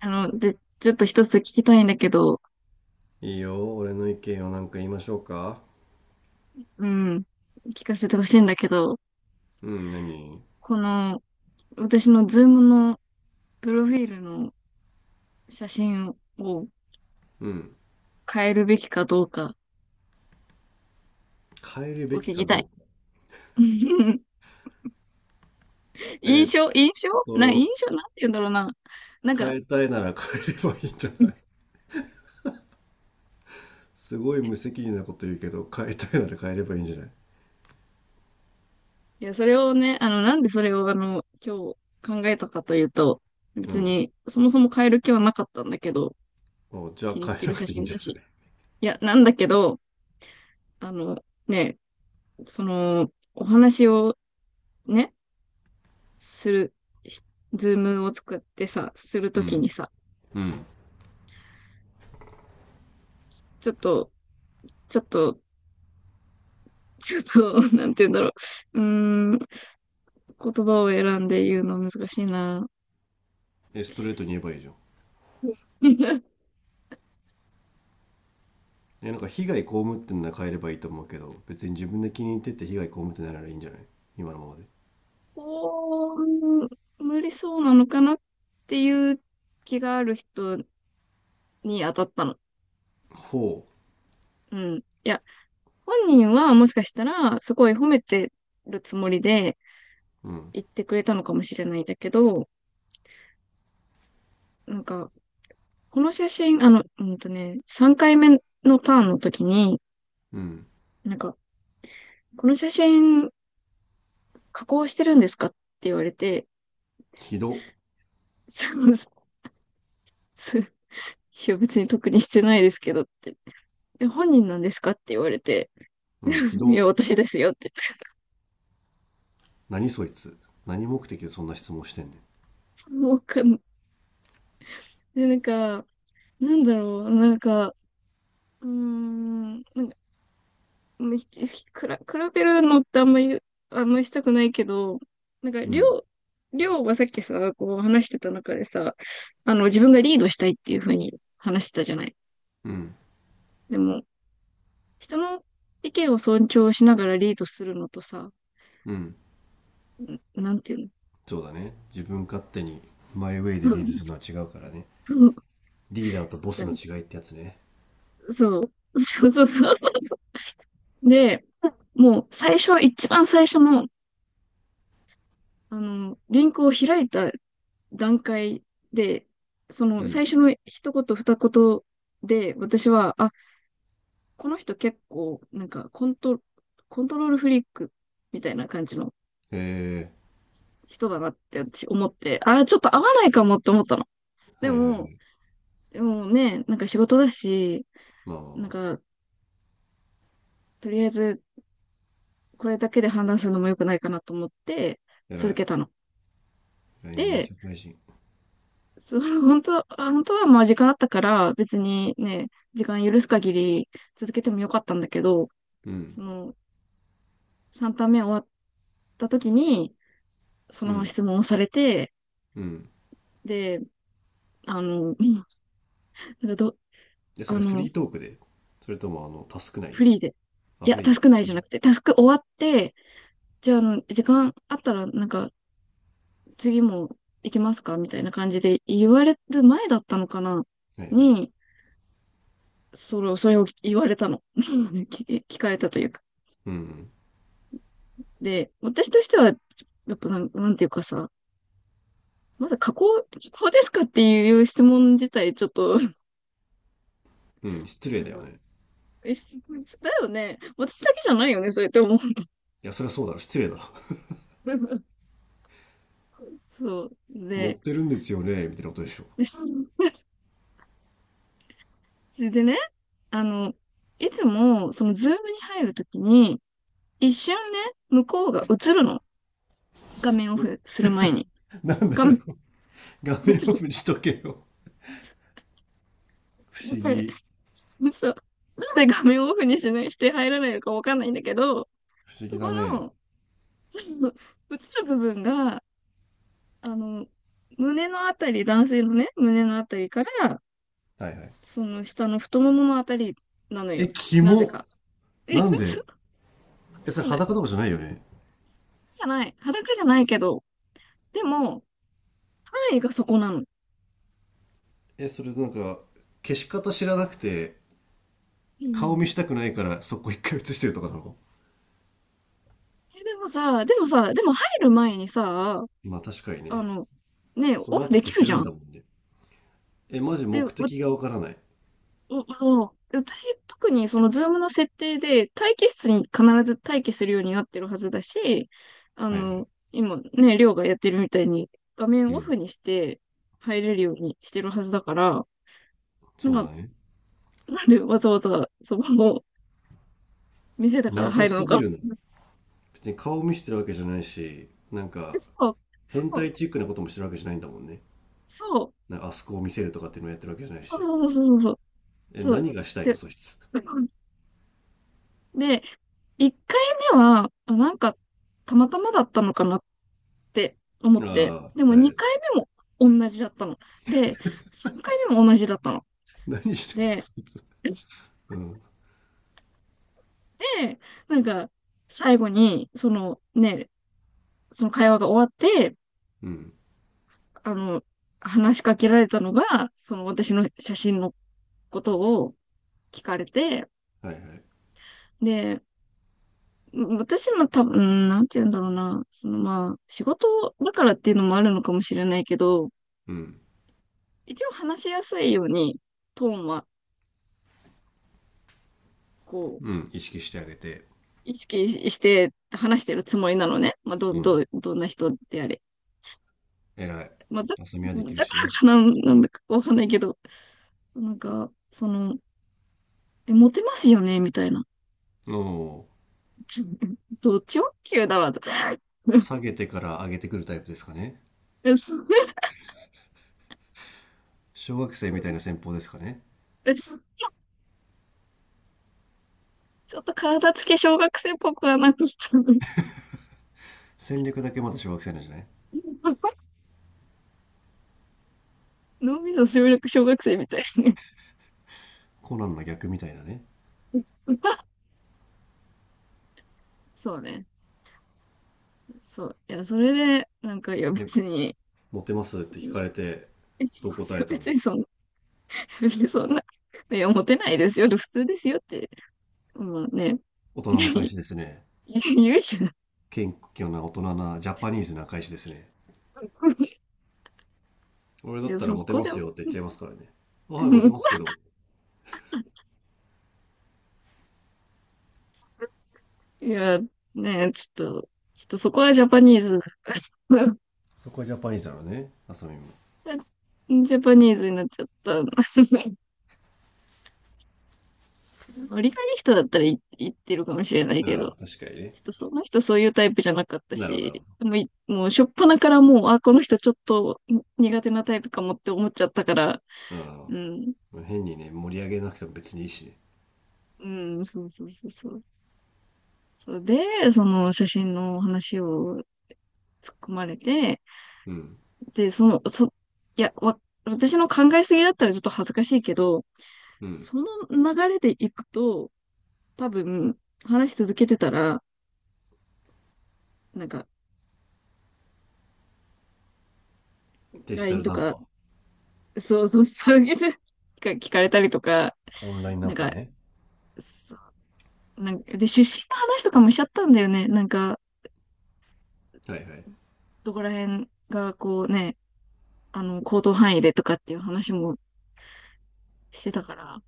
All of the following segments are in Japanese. ちょっと一つ聞きたいんだけど、いいよ、俺の意見をなんか言いましょうか。うん、聞かせてほしいんだけど、うん、何？この、私のズームのプロフィールの写真をうん。変えるべきかどうか変えるをべき聞かきたい。どうか。えーっ印と、象なんて言うんだろうな。なん変か、えたいなら変えればいいんじゃうんない？ すごい無責任なこと言うけど、変えたいなら変えればいいんじゃない？いや、それをね、なんでそれを今日考えたかというと、う別ん。に、そもそも変える気はなかったんだけど、お、じゃ気あに入っ変えてなるく写ていいん真じゃだなし。い？いや、なんだけど、あの、ね、その、お話をね、する、しズームを作ってさ、するうときん。にさ、うん。ちょっと、ちょっと、ちょっと、なんて言うんだろう。うーん、言葉を選んで言うの難しいな。え、ストレートに言えばいいじゃん。え、なんか被害被ってんなら変えればいいと思うけど、別に自分で気に入ってて被害被ってないならいいんじゃない？今のままで。こう、無理そうなのかなっていう気がある人に当たったの。ほうん。いや、本人はもしかしたら、すごい褒めてるつもりでう。うん。言ってくれたのかもしれないんだけど、なんか、この写真、3回目のターンの時に、うん。なんか、この写真加工してるんですかって言われて、ひど。そう、いや別に特にしてないですけどって。え、本人なんですかって言われて、うん、ひ いど。や、私ですよって。何そいつ。何目的でそんな質問してんねん。もうわかん、で、なんか、なんだろう、なんか、うーん、なんかむひひくら、比べるのってあんまり、あんまりしたくないけど、なんか、うりょんう、りょうはさっきさ、こう話してた中でさ、あの、自分がリードしたいっていうふうに話してたじゃない。うんでも、人の意見を尊重しながらリードするのとさ、うん、んなんていうの、そうだね、自分勝手にマイウェイそでうリードするそのは違うからね。う、 リーダーとボスの違 いってやつね。そう。そうそうそうそうそで、もう最初、一番最初の、あの、リンクを開いた段階で、そうのん、最初の一言二言で、私は、あ、この人結構、コントロールフリークみたいな感じのへえ、人だなって私思って、あー、ちょっと合わないかもって思ったの。ではいはいはも、い、でもね、なんか仕事だし、まあまあなまんあ、か、とりあえずこれだけで判断するのも良くないかなと思って偉続い。けたの。偉いねで、社会人。その本当は、あ本当はまあ時間あったから別にね、時間許す限り続けてもよかったんだけど、うそんの、3ターン目終わった時に、そうのままん、質問をされて、うん。で、あの、なんかど、でそあれフの、リートークで？それともあのタスク内フで？リーで。あいや、フリータスクで？内じゃなくて、タスク終わって、じゃあ、あの、時間あったら、なんか、次も行きますかみたいな感じで言われる前だったのかなはいはい。に、それを言われたの。聞かれたというか。うんで、私としては、やっぱなん、なんていうかさ、まず加工、加工ですかっていう質問自体、ちょっと、うん、うん、失礼なんだよか、ね。え、すだよね。私だけじゃないよね、そうやって思う。いやそりゃそうだろ、失礼だろ。 そう。持っで、てるんですよねみたいなことでしょ？で それでね、あの、いつも、そのズームに入るときに、一瞬ね、向こうが映るの。画面オフする前に。なんで画だ面、よ。 画 面ちょっオと、フにしとけよ。不思これ議。そうそう。なんで画面オフにしない、して入らないのかわかんないんだけど、不思議そこだね。の、その、映る部分が、あの、胸のあたり、男性のね、胸のあたりから、はいはい。その下の太もものあたりなのえよ。キなぜモ。か。え、な んで？嘘、え、それそうだ。裸とかじゃないよね？じゃない。裸じゃないけど。でも、範囲がそこなの。え、それなんか、消し方知らなくて、う顔見ん。したくないからそこ一回映してるとかなの？え、でもさ、でもさ、でも入る前にさ、まあ確かにあね。の、ね、そオのフ後で消きるせじるゃんん。だもんね。え、マジで、目的がわからない。あの、私、特にそのズームの設定で待機室に必ず待機するようになってるはずだし、あはいはい。の、今ね、りょうがやってるみたいに画面うオん。フにして入れるようにしてるはずだから、なそうんだかね。なんでわざわざそこの店だから謎入るのすか。ぎるな。別に顔見してるわけじゃないし、なんか、そう、変そう、態チックなこともしてるわけじゃないんだもんね。そう、なんかあそこを見せるとかっていうのもやってるわけじゃないそうし。そうそうそうそう、え、そう。何がしたいの、で、そいつ。で、1回目は、あ、なんか、たまたまだったのかなって思っあて、でもあ、はい。2回目も同じだったの。で、3回目も同じだったの。何してんの、で、そいつ。うん。で、なんか、最後に、そのね、その会話が終わって、うん。あの、話しかけられたのが、その私の写真のことを聞かれて、はいはい。で、私も多分、なんて言うんだろうな、そのまあ、仕事だからっていうのもあるのかもしれないけど、うん。一応話しやすいように、トーンは、こう、うん、意識してあげて、意識して話してるつもりなのね。まあ、うん、どんな人であれ。偉い。まあ、浅見はできるだしからね。かな、なんだかわかんないけど、なんか、その、え、モテますよね、みたいな。おお、ち、ド直球だわ、とか。下げてから上げてくるタイプですかね。小学生みたいな戦法ですかね。ちょっと体つき小学生っぽくはなくしたね。戦略だけまだ小学生なんじゃない？ 脳みそ集力小学生みたい。コナンの逆みたいなね。そうね。そう。いや、それで、なんか、いや、え、別に、モテますって聞かれて、どう答えたの？別にそんな、別にそんな、いや、モテないですよ、普通ですよって、まあね、大人な返し ですね。言うじゃん。謙虚な大人なジャパニーズな返しですね。俺いだっや、たらそモテこまですも、よって言っちゃいますからね。あはい、モテますけ ど。いや、ね、ちょっとそこはジャパニーズ、 そこはジャパニーズなのね、浅見も。ジャパニーズになっちゃった。折り返し人だったらい言ってるかもしれないけああ、ど、確かにちね。ょっとその人そういうタイプじゃなかったなるほど、なるし、ほもう初っ端からもう、あ、この人ちょっと苦手なタイプかもって思っちゃったから、ど。うん、うん。変にね、盛り上げなくても別にいいしね。うん、そうそうそうそう。そうで、その写真の話を突っ込まれて、うん。で、その、そ、いや、わ、私の考えすぎだったらちょっと恥ずかしいけど、うん。その流れでいくと、多分、話し続けてたら、なんか、デジタ LINE ルとナンか、パ。そうそう、そういうのが聞かれたりとか、オンラインナなんンパか、ね。そなんかで、出身の話とかもしちゃったんだよね。なんか、はいはい。どこら辺がこうね、あの、行動範囲でとかっていう話もしてたから、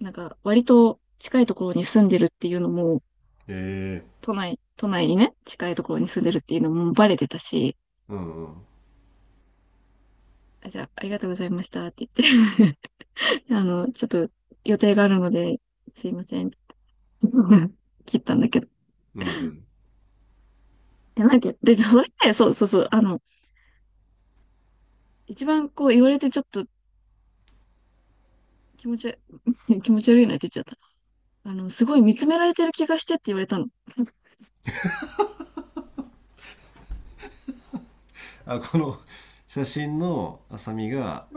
なんか、割と近いところに住んでるっていうのも、ええ、都内にね、近いところに住んでるっていうのもバレてたし、うんうん。あ、じゃあ、ありがとうございましたって言って あの、ちょっと予定があるので、すいません。切ったんだけど。うんうん。いやなんか、で、それね、そうそうそう、あの、一番こう言われてちょっと気持ち悪い、気持ち悪いなって言っちゃった。あの、すごい見つめられてる気がしてって言われたの。あ、この 写真のあさみが、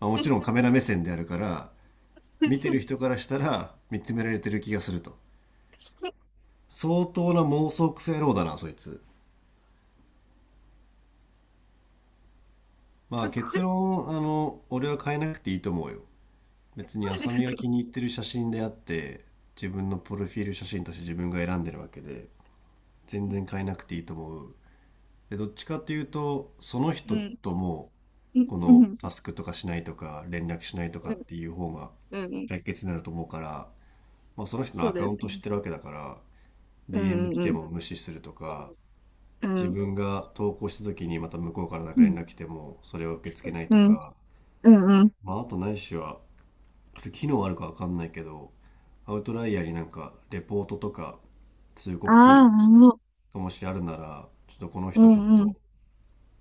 まあ、もそちうろんカメラ目線であるから、そ見てうる人からしたら見つめられてる気がすると。そう、相当な妄想癖野郎だな、そいつ。まあ結論、あの、俺は変えなくていいと思うよ。別にあり浅が見がと気う。に入ってる写真であって、自分のプロフィール写真として自分が選んでるわけで、全然変えなくていいと思う。で、どっちかっていうと、その人ん、ともうん、こうのん、タスクとかしないとか、連絡しないとうかん、っていう方がうん、うん、解決になると思うから、まあ、その人のそうアだカよウントね。知ってるわけだから、う DM ん、来てうん、も無視するとか、うん、自うん、分が投稿した時にまた向こうからなんうか連ん、絡来ても、それを受け付けないうとん、か、うん、うん。まあ、あとないしは、これ機能あるかわかんないけど、アウトライヤーになんかレポートとか通あ告機能あ、もがもしあるなら、ちょっとこのう、う人ちょっん、うん、と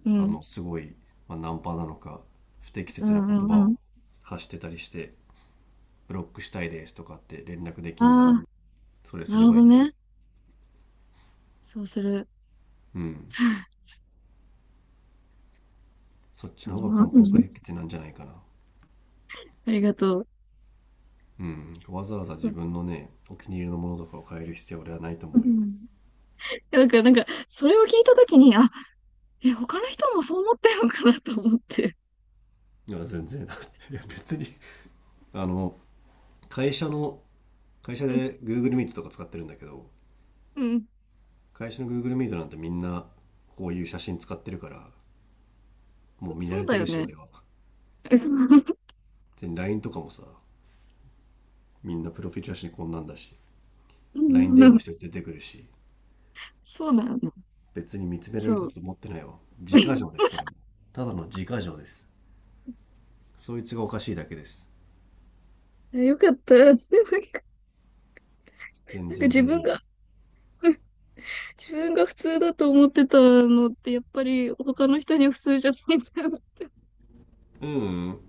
うあん、の、すごい、まあ、ナンパなのか、不適う切なん、言う葉ん、うん。を発してたりして、ブロックしたいですとかって連絡であきんなら、あ、それすなれるほばいどいんじゃなね。い？そうする。うん。そっちそう、の方うが根本ん、解決なんじゃないかな。ありがとう。うん。わざわざそ自う、分のね、お気に入りのものとかを変える必要は俺はないとう思うよ。ん。なんか、なんか、それを聞いたときに、あ、え、他の人もそう思ってるのかなと思って。いや、全然。 いや、別にあの、会社の、会社うん、で Google Meet とか使ってるんだけど、うん、会社の Google Meet なんてみんなこういう写真使ってるから、もう見慣そうれてだよるし、ね。俺は。うん、別に LINE とかもさ、みんなプロフィールだしこんなんだし、 う LINE 電話しん、て出てくるし、そうだよね。別に見つめられるそう。と思ってないわ。自家錠ですそれも。ただの自家錠です。そいつがおかしいだけです。 よかった。なんか全然自大分丈が、自分が普通だと思ってたのって、やっぱり他の人には普通じゃないんだ。夫。うんうん、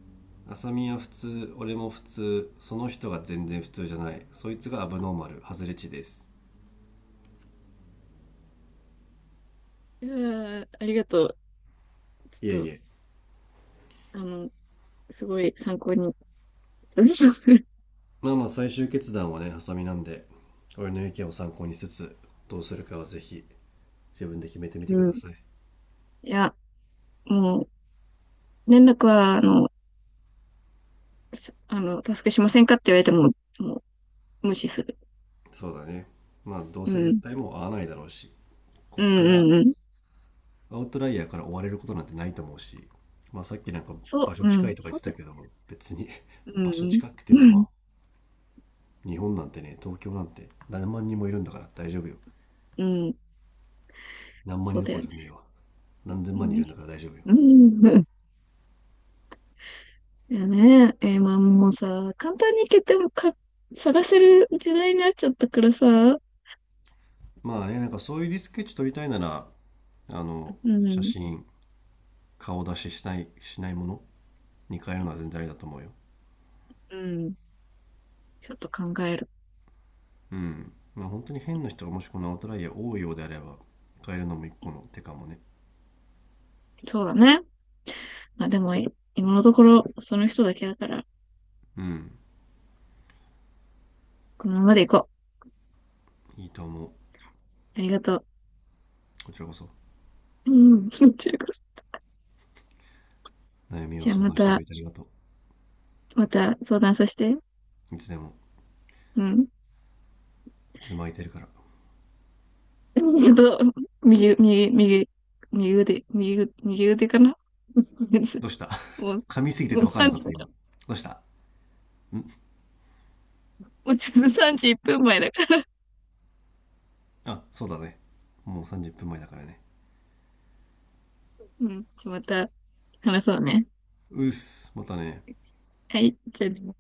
浅見は普通、俺も普通、その人が全然普通じゃない、そいつがアブノーマル、外れ値です。いやー、ありがとう。ちいえょっいと、え。あの、すごい参考にさせてください。まあまあ、最終決断はね浅見なんで、俺の意見を参考にしつつ、どうするかはぜひ自分で決めてみうてくだん。さい。いや、もう、連絡は、あの、タスクしませんかって言われても、もう無視する。そうだね。まあ、どううせ絶ん。対もう会わないだろうし、うこんっかうら、んうん。アウトライヤーから追われることなんてないと思うし、まあさっきなんかそ場所う、う近ん。いとか言そっうてだ。たけど、別に う 場所ん近くてうもん。まあ、日本なんてね、東京なんて何万人もいるんだから大丈夫よ。うん。うん。何万そ人うどだこよろね。じゃねえわ。何千万人いるんだから大丈夫よ。うん。うん。いやね。えーまあもうさ、簡単に決てもか、探せる時代になっちゃったからさ。うまあね、なんかそういうリスケッチ撮りたいなら、あの、写ん。真、顔出ししない、ものに変えるのは全然ありだと思うよ。うん。ちょっと考える。うん、まあ本当に変な人がもしこのアウトライヤー多いようであれば変えるのも一個の手かもね。そうだね。まあでも、今のところ、その人だけだから、うん、このままで行こいいと思う。う。ありがとこちらこそ、う。うん。こちらこそ。悩みをじゃあ相ま談してくた、れてありがと。また相談させて。ういつでも、うん。いつでも空いてるから。 と、右、右腕かな。 どうした？ もう、噛みすぎてもてう分かんな3かっ時ただから、今。どうしたん？もうちょうどさんじいっと31分前だから。あそうだね、もう30分前だからね。うん。じゃあまた話そうね。うっす、またね。はい。じゃあね。